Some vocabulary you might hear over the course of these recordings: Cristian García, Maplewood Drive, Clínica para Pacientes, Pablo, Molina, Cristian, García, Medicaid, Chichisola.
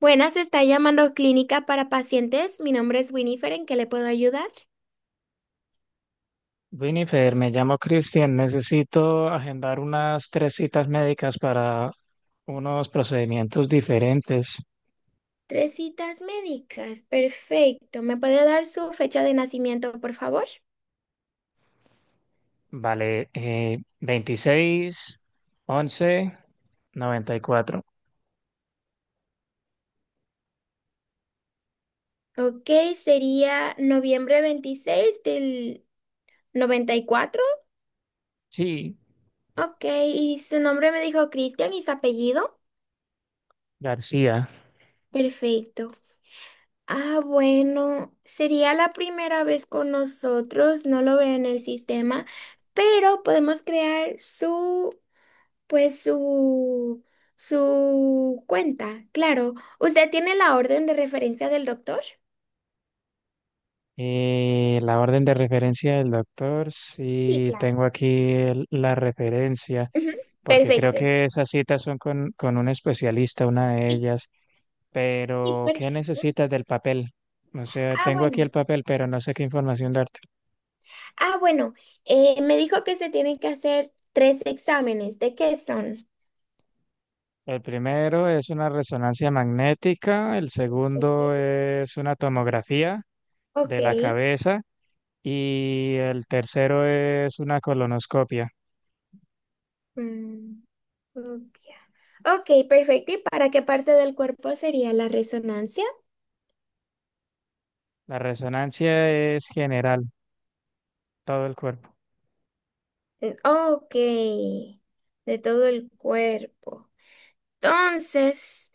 Buenas, está llamando Clínica para Pacientes. Mi nombre es Winifred, ¿en qué le puedo ayudar? Winifred, me llamo Cristian. Necesito agendar unas tres citas médicas para unos procedimientos diferentes. Tres citas médicas, perfecto. ¿Me puede dar su fecha de nacimiento, por favor? Vale, 26/11/1994. Ok, sería noviembre 26 del 94. Sí, Ok, y su nombre me dijo Cristian y su apellido. García. Perfecto. Ah, bueno, sería la primera vez con nosotros, no lo veo en el sistema, pero podemos crear Pues su, su cuenta, claro. ¿Usted tiene la orden de referencia del doctor? Y la orden de referencia del doctor, Sí, sí, claro. tengo aquí la referencia, Ujú. porque creo Perfecto. que esas citas son con un especialista, una de Sí, ellas. sí, Pero, ¿qué perfecto. necesitas del papel? O sea, Ah, tengo aquí bueno. el papel, pero no sé qué información darte. Ah, bueno. Me dijo que se tienen que hacer tres exámenes. ¿De qué son? El primero es una resonancia magnética, el Ok. segundo es una tomografía Ok. de la cabeza y el tercero es una colonoscopia. Mm, ok. Ok, perfecto. ¿Y para qué parte del cuerpo sería la resonancia? La resonancia es general, todo el cuerpo. Mm, ok. De todo el cuerpo. Entonces,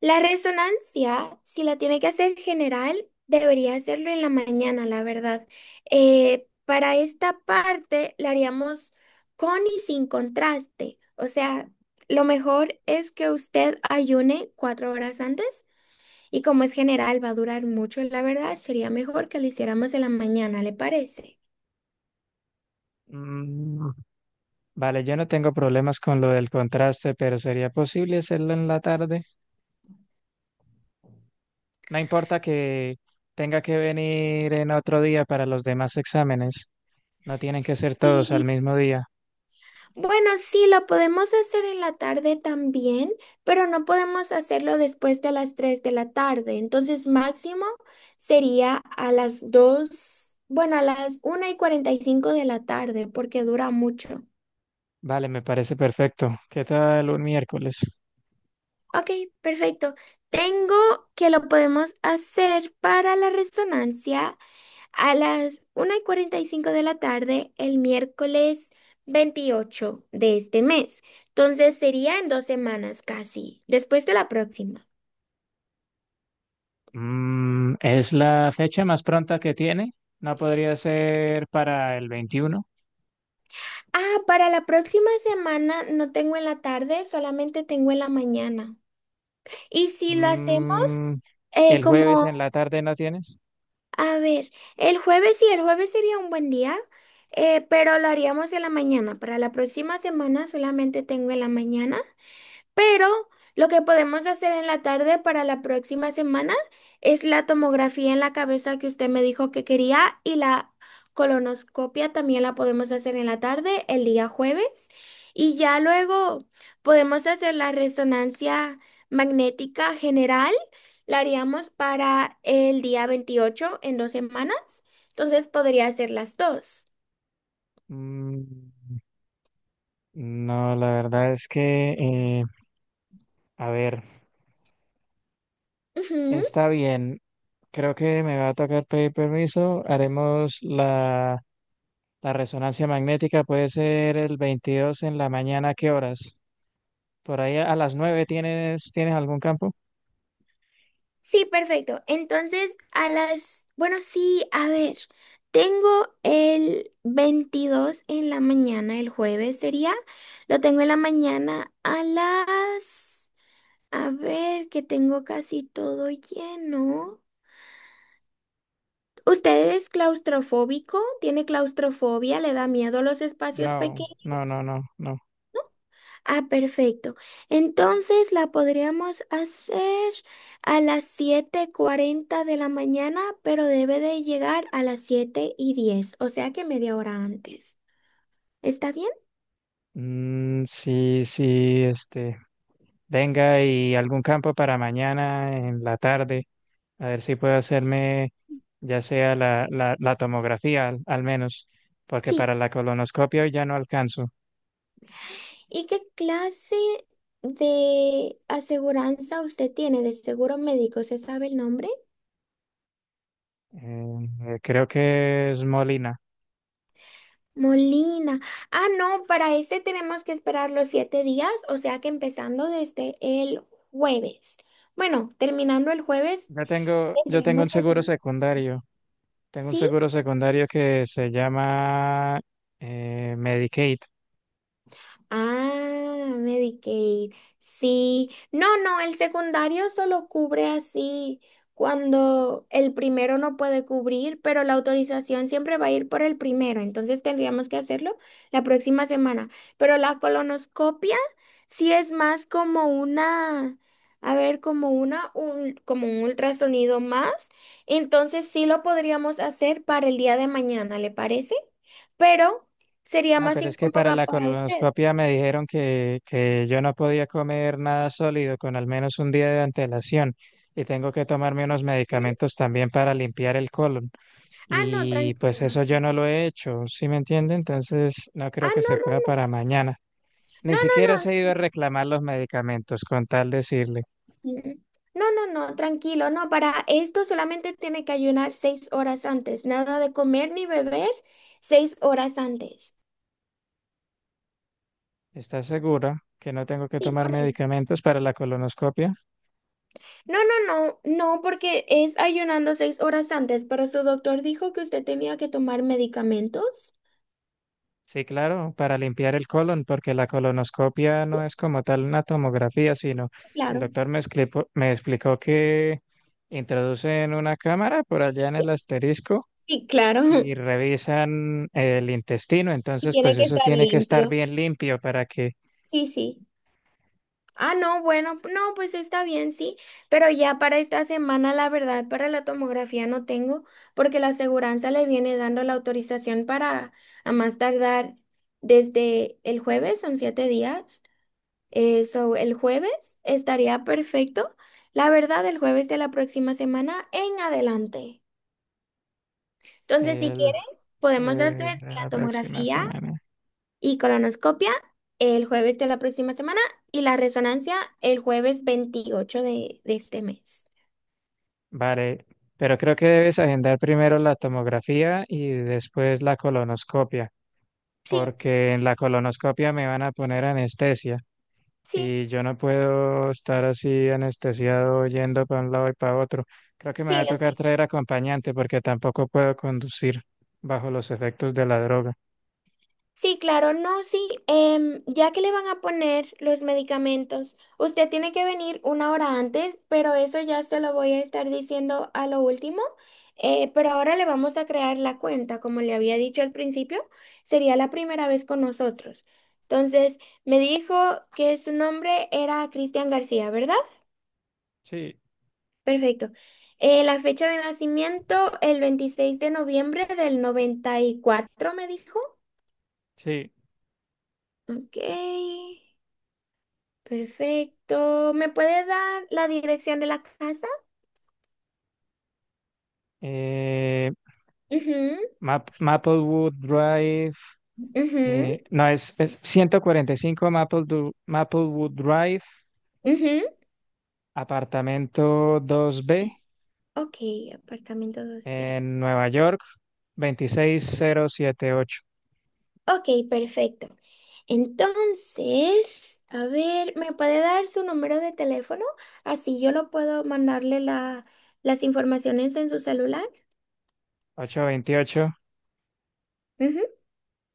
la resonancia, si la tiene que hacer general, debería hacerlo en la mañana, la verdad. Para esta parte la haríamos con y sin contraste. O sea, lo mejor es que usted ayune 4 horas antes y como es general, va a durar mucho, la verdad, sería mejor que lo hiciéramos en la mañana, ¿le parece? Mm, vale, yo no tengo problemas con lo del contraste, pero ¿sería posible hacerlo en la tarde? No importa que tenga que venir en otro día para los demás exámenes. No tienen que ser todos al Sí. mismo día. Bueno, sí, lo podemos hacer en la tarde también, pero no podemos hacerlo después de las 3 de la tarde. Entonces, máximo sería a las 2, bueno, a las 1:45 de la tarde, porque dura mucho. Vale, me parece perfecto. ¿Qué tal un miércoles? Ok, perfecto. Tengo que lo podemos hacer para la resonancia a las 1:45 de la tarde, el miércoles 28 de este mes. Entonces sería en 2 semanas casi, después de la próxima. ¿Es la fecha más pronta que tiene? ¿No podría ser para el 21? Ah, para la próxima semana no tengo en la tarde, solamente tengo en la mañana. Y si lo hacemos Mm, ¿El jueves como, en la tarde no tienes? a ver, el jueves sí, el jueves sería un buen día, pero lo haríamos en la mañana. Para la próxima semana solamente tengo en la mañana. Pero lo que podemos hacer en la tarde para la próxima semana es la tomografía en la cabeza que usted me dijo que quería y la colonoscopia también la podemos hacer en la tarde, el día jueves. Y ya luego podemos hacer la resonancia magnética general. La haríamos para el día 28 en 2 semanas. Entonces podría hacer las dos. Mm, no, la verdad es que, a ver, Ujú. está bien. Creo que me va a tocar pedir permiso. Haremos la La resonancia magnética puede ser el 22 en la mañana, ¿a qué horas? Por ahí a las 9 tienes, ¿tienes algún campo? Sí, perfecto. Entonces, a las, bueno, sí, a ver, tengo el 22 en la mañana, el jueves sería, lo tengo en la mañana a las, a ver, que tengo casi todo lleno. ¿Usted es claustrofóbico? ¿Tiene claustrofobia? ¿Le da miedo los espacios No, pequeños? no, no, no, no. Ah, perfecto. Entonces la podríamos hacer a las 7:40 de la mañana, pero debe de llegar a las 7:10, o sea que media hora antes. ¿Está bien? Sí, sí, este, venga y algún campo para mañana en la tarde, a ver si puedo hacerme ya sea la tomografía al menos, porque Sí. para la colonoscopia hoy ya no alcanzo. ¿Y qué clase de aseguranza usted tiene de seguro médico? ¿Se sabe el nombre? Creo que es Molina. Molina. Ah, no, para este tenemos que esperar los 7 días, o sea que empezando desde el jueves. Bueno, terminando el jueves. Yo tengo Tendremos un seguro que. secundario. Tengo un Sí. seguro secundario que se llama Medicaid. Ah, Medicaid. Sí. No, no, el secundario solo cubre así cuando el primero no puede cubrir, pero la autorización siempre va a ir por el primero, entonces tendríamos que hacerlo la próxima semana. Pero la colonoscopia sí es más como una, a ver, como un ultrasonido más, entonces sí lo podríamos hacer para el día de mañana, ¿le parece? Pero sería No, más pero es que para incómoda la para usted. colonoscopia me dijeron que yo no podía comer nada sólido con al menos un día de antelación y tengo que tomarme unos Ujú. medicamentos también para limpiar el colon. Ah, no, Y pues tranquilo, eso yo sí. no lo he hecho, ¿sí me entiende? Entonces no Ah, creo que no, se no, pueda para no. mañana. No, Ni siquiera no, no, se ha ido a sí. reclamar los medicamentos con tal decirle, Ujú. No, no, no, tranquilo. No, para esto solamente tiene que ayunar 6 horas antes. Nada de comer ni beber 6 horas antes. ¿estás segura que no tengo que Sí, tomar correcto. medicamentos para la colonoscopia? No, no, no, no, porque es ayunando 6 horas antes, pero su doctor dijo que usted tenía que tomar medicamentos. Sí, claro, para limpiar el colon, porque la colonoscopia no es como tal una tomografía, sino el Claro. doctor me explicó que introducen una cámara por allá en el asterisco Sí, claro. y revisan el intestino, Y entonces tiene pues que eso estar tiene que estar limpio. bien limpio para que Sí, sí. Ah, no, bueno, no, pues está bien, sí, pero ya para esta semana, la verdad, para la tomografía no tengo, porque la aseguranza le viene dando la autorización para a más tardar desde el jueves, son 7 días. Eso, el jueves estaría perfecto, la verdad, el jueves de la próxima semana en adelante. Entonces, si el quieren, podemos jueves hacer de la la próxima tomografía semana. y colonoscopia el jueves de la próxima semana y la resonancia el jueves 28 de este mes. Vale, pero creo que debes agendar primero la tomografía y después la colonoscopia, Sí, porque en la colonoscopia me van a poner anestesia. sí, Y yo no puedo estar así anestesiado yendo para un lado y para otro. Creo que me va sí, a lo sé. tocar traer acompañante porque tampoco puedo conducir bajo los efectos de la droga. Sí, claro, no, sí. Ya que le van a poner los medicamentos, usted tiene que venir una hora antes, pero eso ya se lo voy a estar diciendo a lo último. Pero ahora le vamos a crear la cuenta, como le había dicho al principio, sería la primera vez con nosotros. Entonces, me dijo que su nombre era Cristian García, ¿verdad? Sí, Perfecto. La fecha de nacimiento, el 26 de noviembre del 94 me dijo. sí. Ok, perfecto. ¿Me puede dar la dirección de la casa? Eh, Ujú. Maplewood Drive. Ujú. Eh, no, es, 145 Maplewood Drive, Ujú. apartamento 2B Ok, apartamento 2B. en Nueva York, 26078 Ok, perfecto. Entonces, a ver, ¿me puede dar su número de teléfono? Así yo lo puedo mandarle las informaciones en su celular. ochocientos veintiocho Ujú.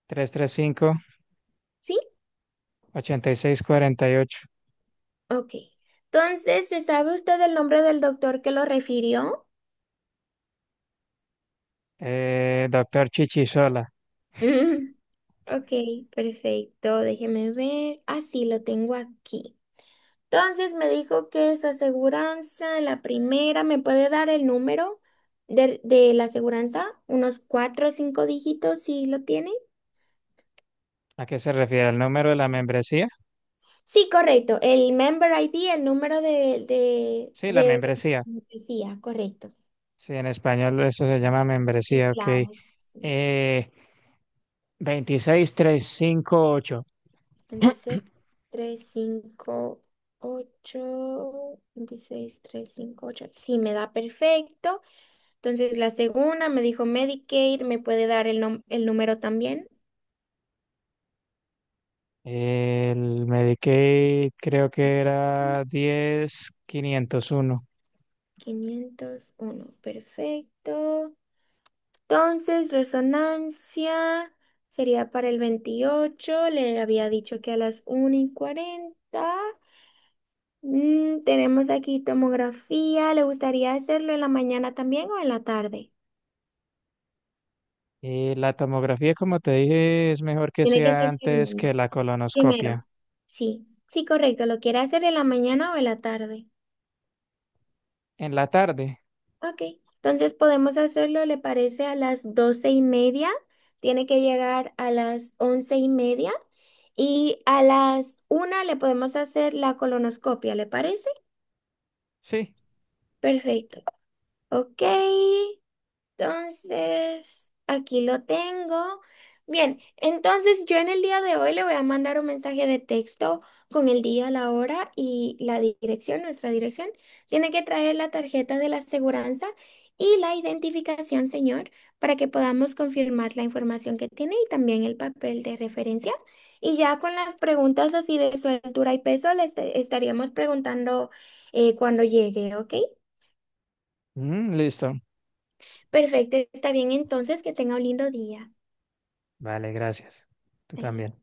trescientos treinta y cinco ¿Sí? ochenta y seis cuarenta y ocho Ok. Entonces, ¿se sabe usted el nombre del doctor que lo refirió? Doctor Chichisola. Mm. Ok, perfecto. Déjeme ver. Ah, sí, lo tengo aquí. Entonces me dijo que su aseguranza, la primera, ¿me puede dar el número de la aseguranza? Unos cuatro o cinco dígitos, si lo tiene. ¿A qué se refiere? ¿El número de la membresía? Sí, correcto. El member ID, el número de, de, Sí, la de, membresía. policía, correcto. Sí, en español eso se llama Sí, membresía, ok. claro. Sí, sí. Eh, 26358. veintiséis tres cinco ocho 26358. Sí, me da perfecto. Entonces la segunda me dijo Medicaid, ¿me puede dar el número también? El Medicaid creo que era 10501. 501, perfecto. Entonces, resonancia sería para el 28, le había dicho que a las 1:40. Mm, tenemos aquí tomografía, ¿le gustaría hacerlo en la mañana también o en la tarde? Y la tomografía, como te dije, es mejor que Tiene que sea ser antes que segundo. la Primero. colonoscopia. Sí. Sí, correcto. ¿Lo quiere hacer en la mañana o en la tarde? En la tarde, Ok. Entonces podemos hacerlo, ¿le parece? A las 12:30. Tiene que llegar a las 11:30. Y a las 1 le podemos hacer la colonoscopia, ¿le parece? sí. Perfecto. Ok. Entonces, aquí lo tengo. Bien, entonces yo en el día de hoy le voy a mandar un mensaje de texto con el día, la hora y la dirección, nuestra dirección. Tiene que traer la tarjeta de la aseguranza y la identificación, señor, para que podamos confirmar la información que tiene y también el papel de referencia. Y ya con las preguntas así de su altura y peso, le estaríamos preguntando cuando llegue, ¿ok? Mm, listo. Perfecto, está bien entonces, que tenga un lindo día. Vale, gracias. Tú Ay. también.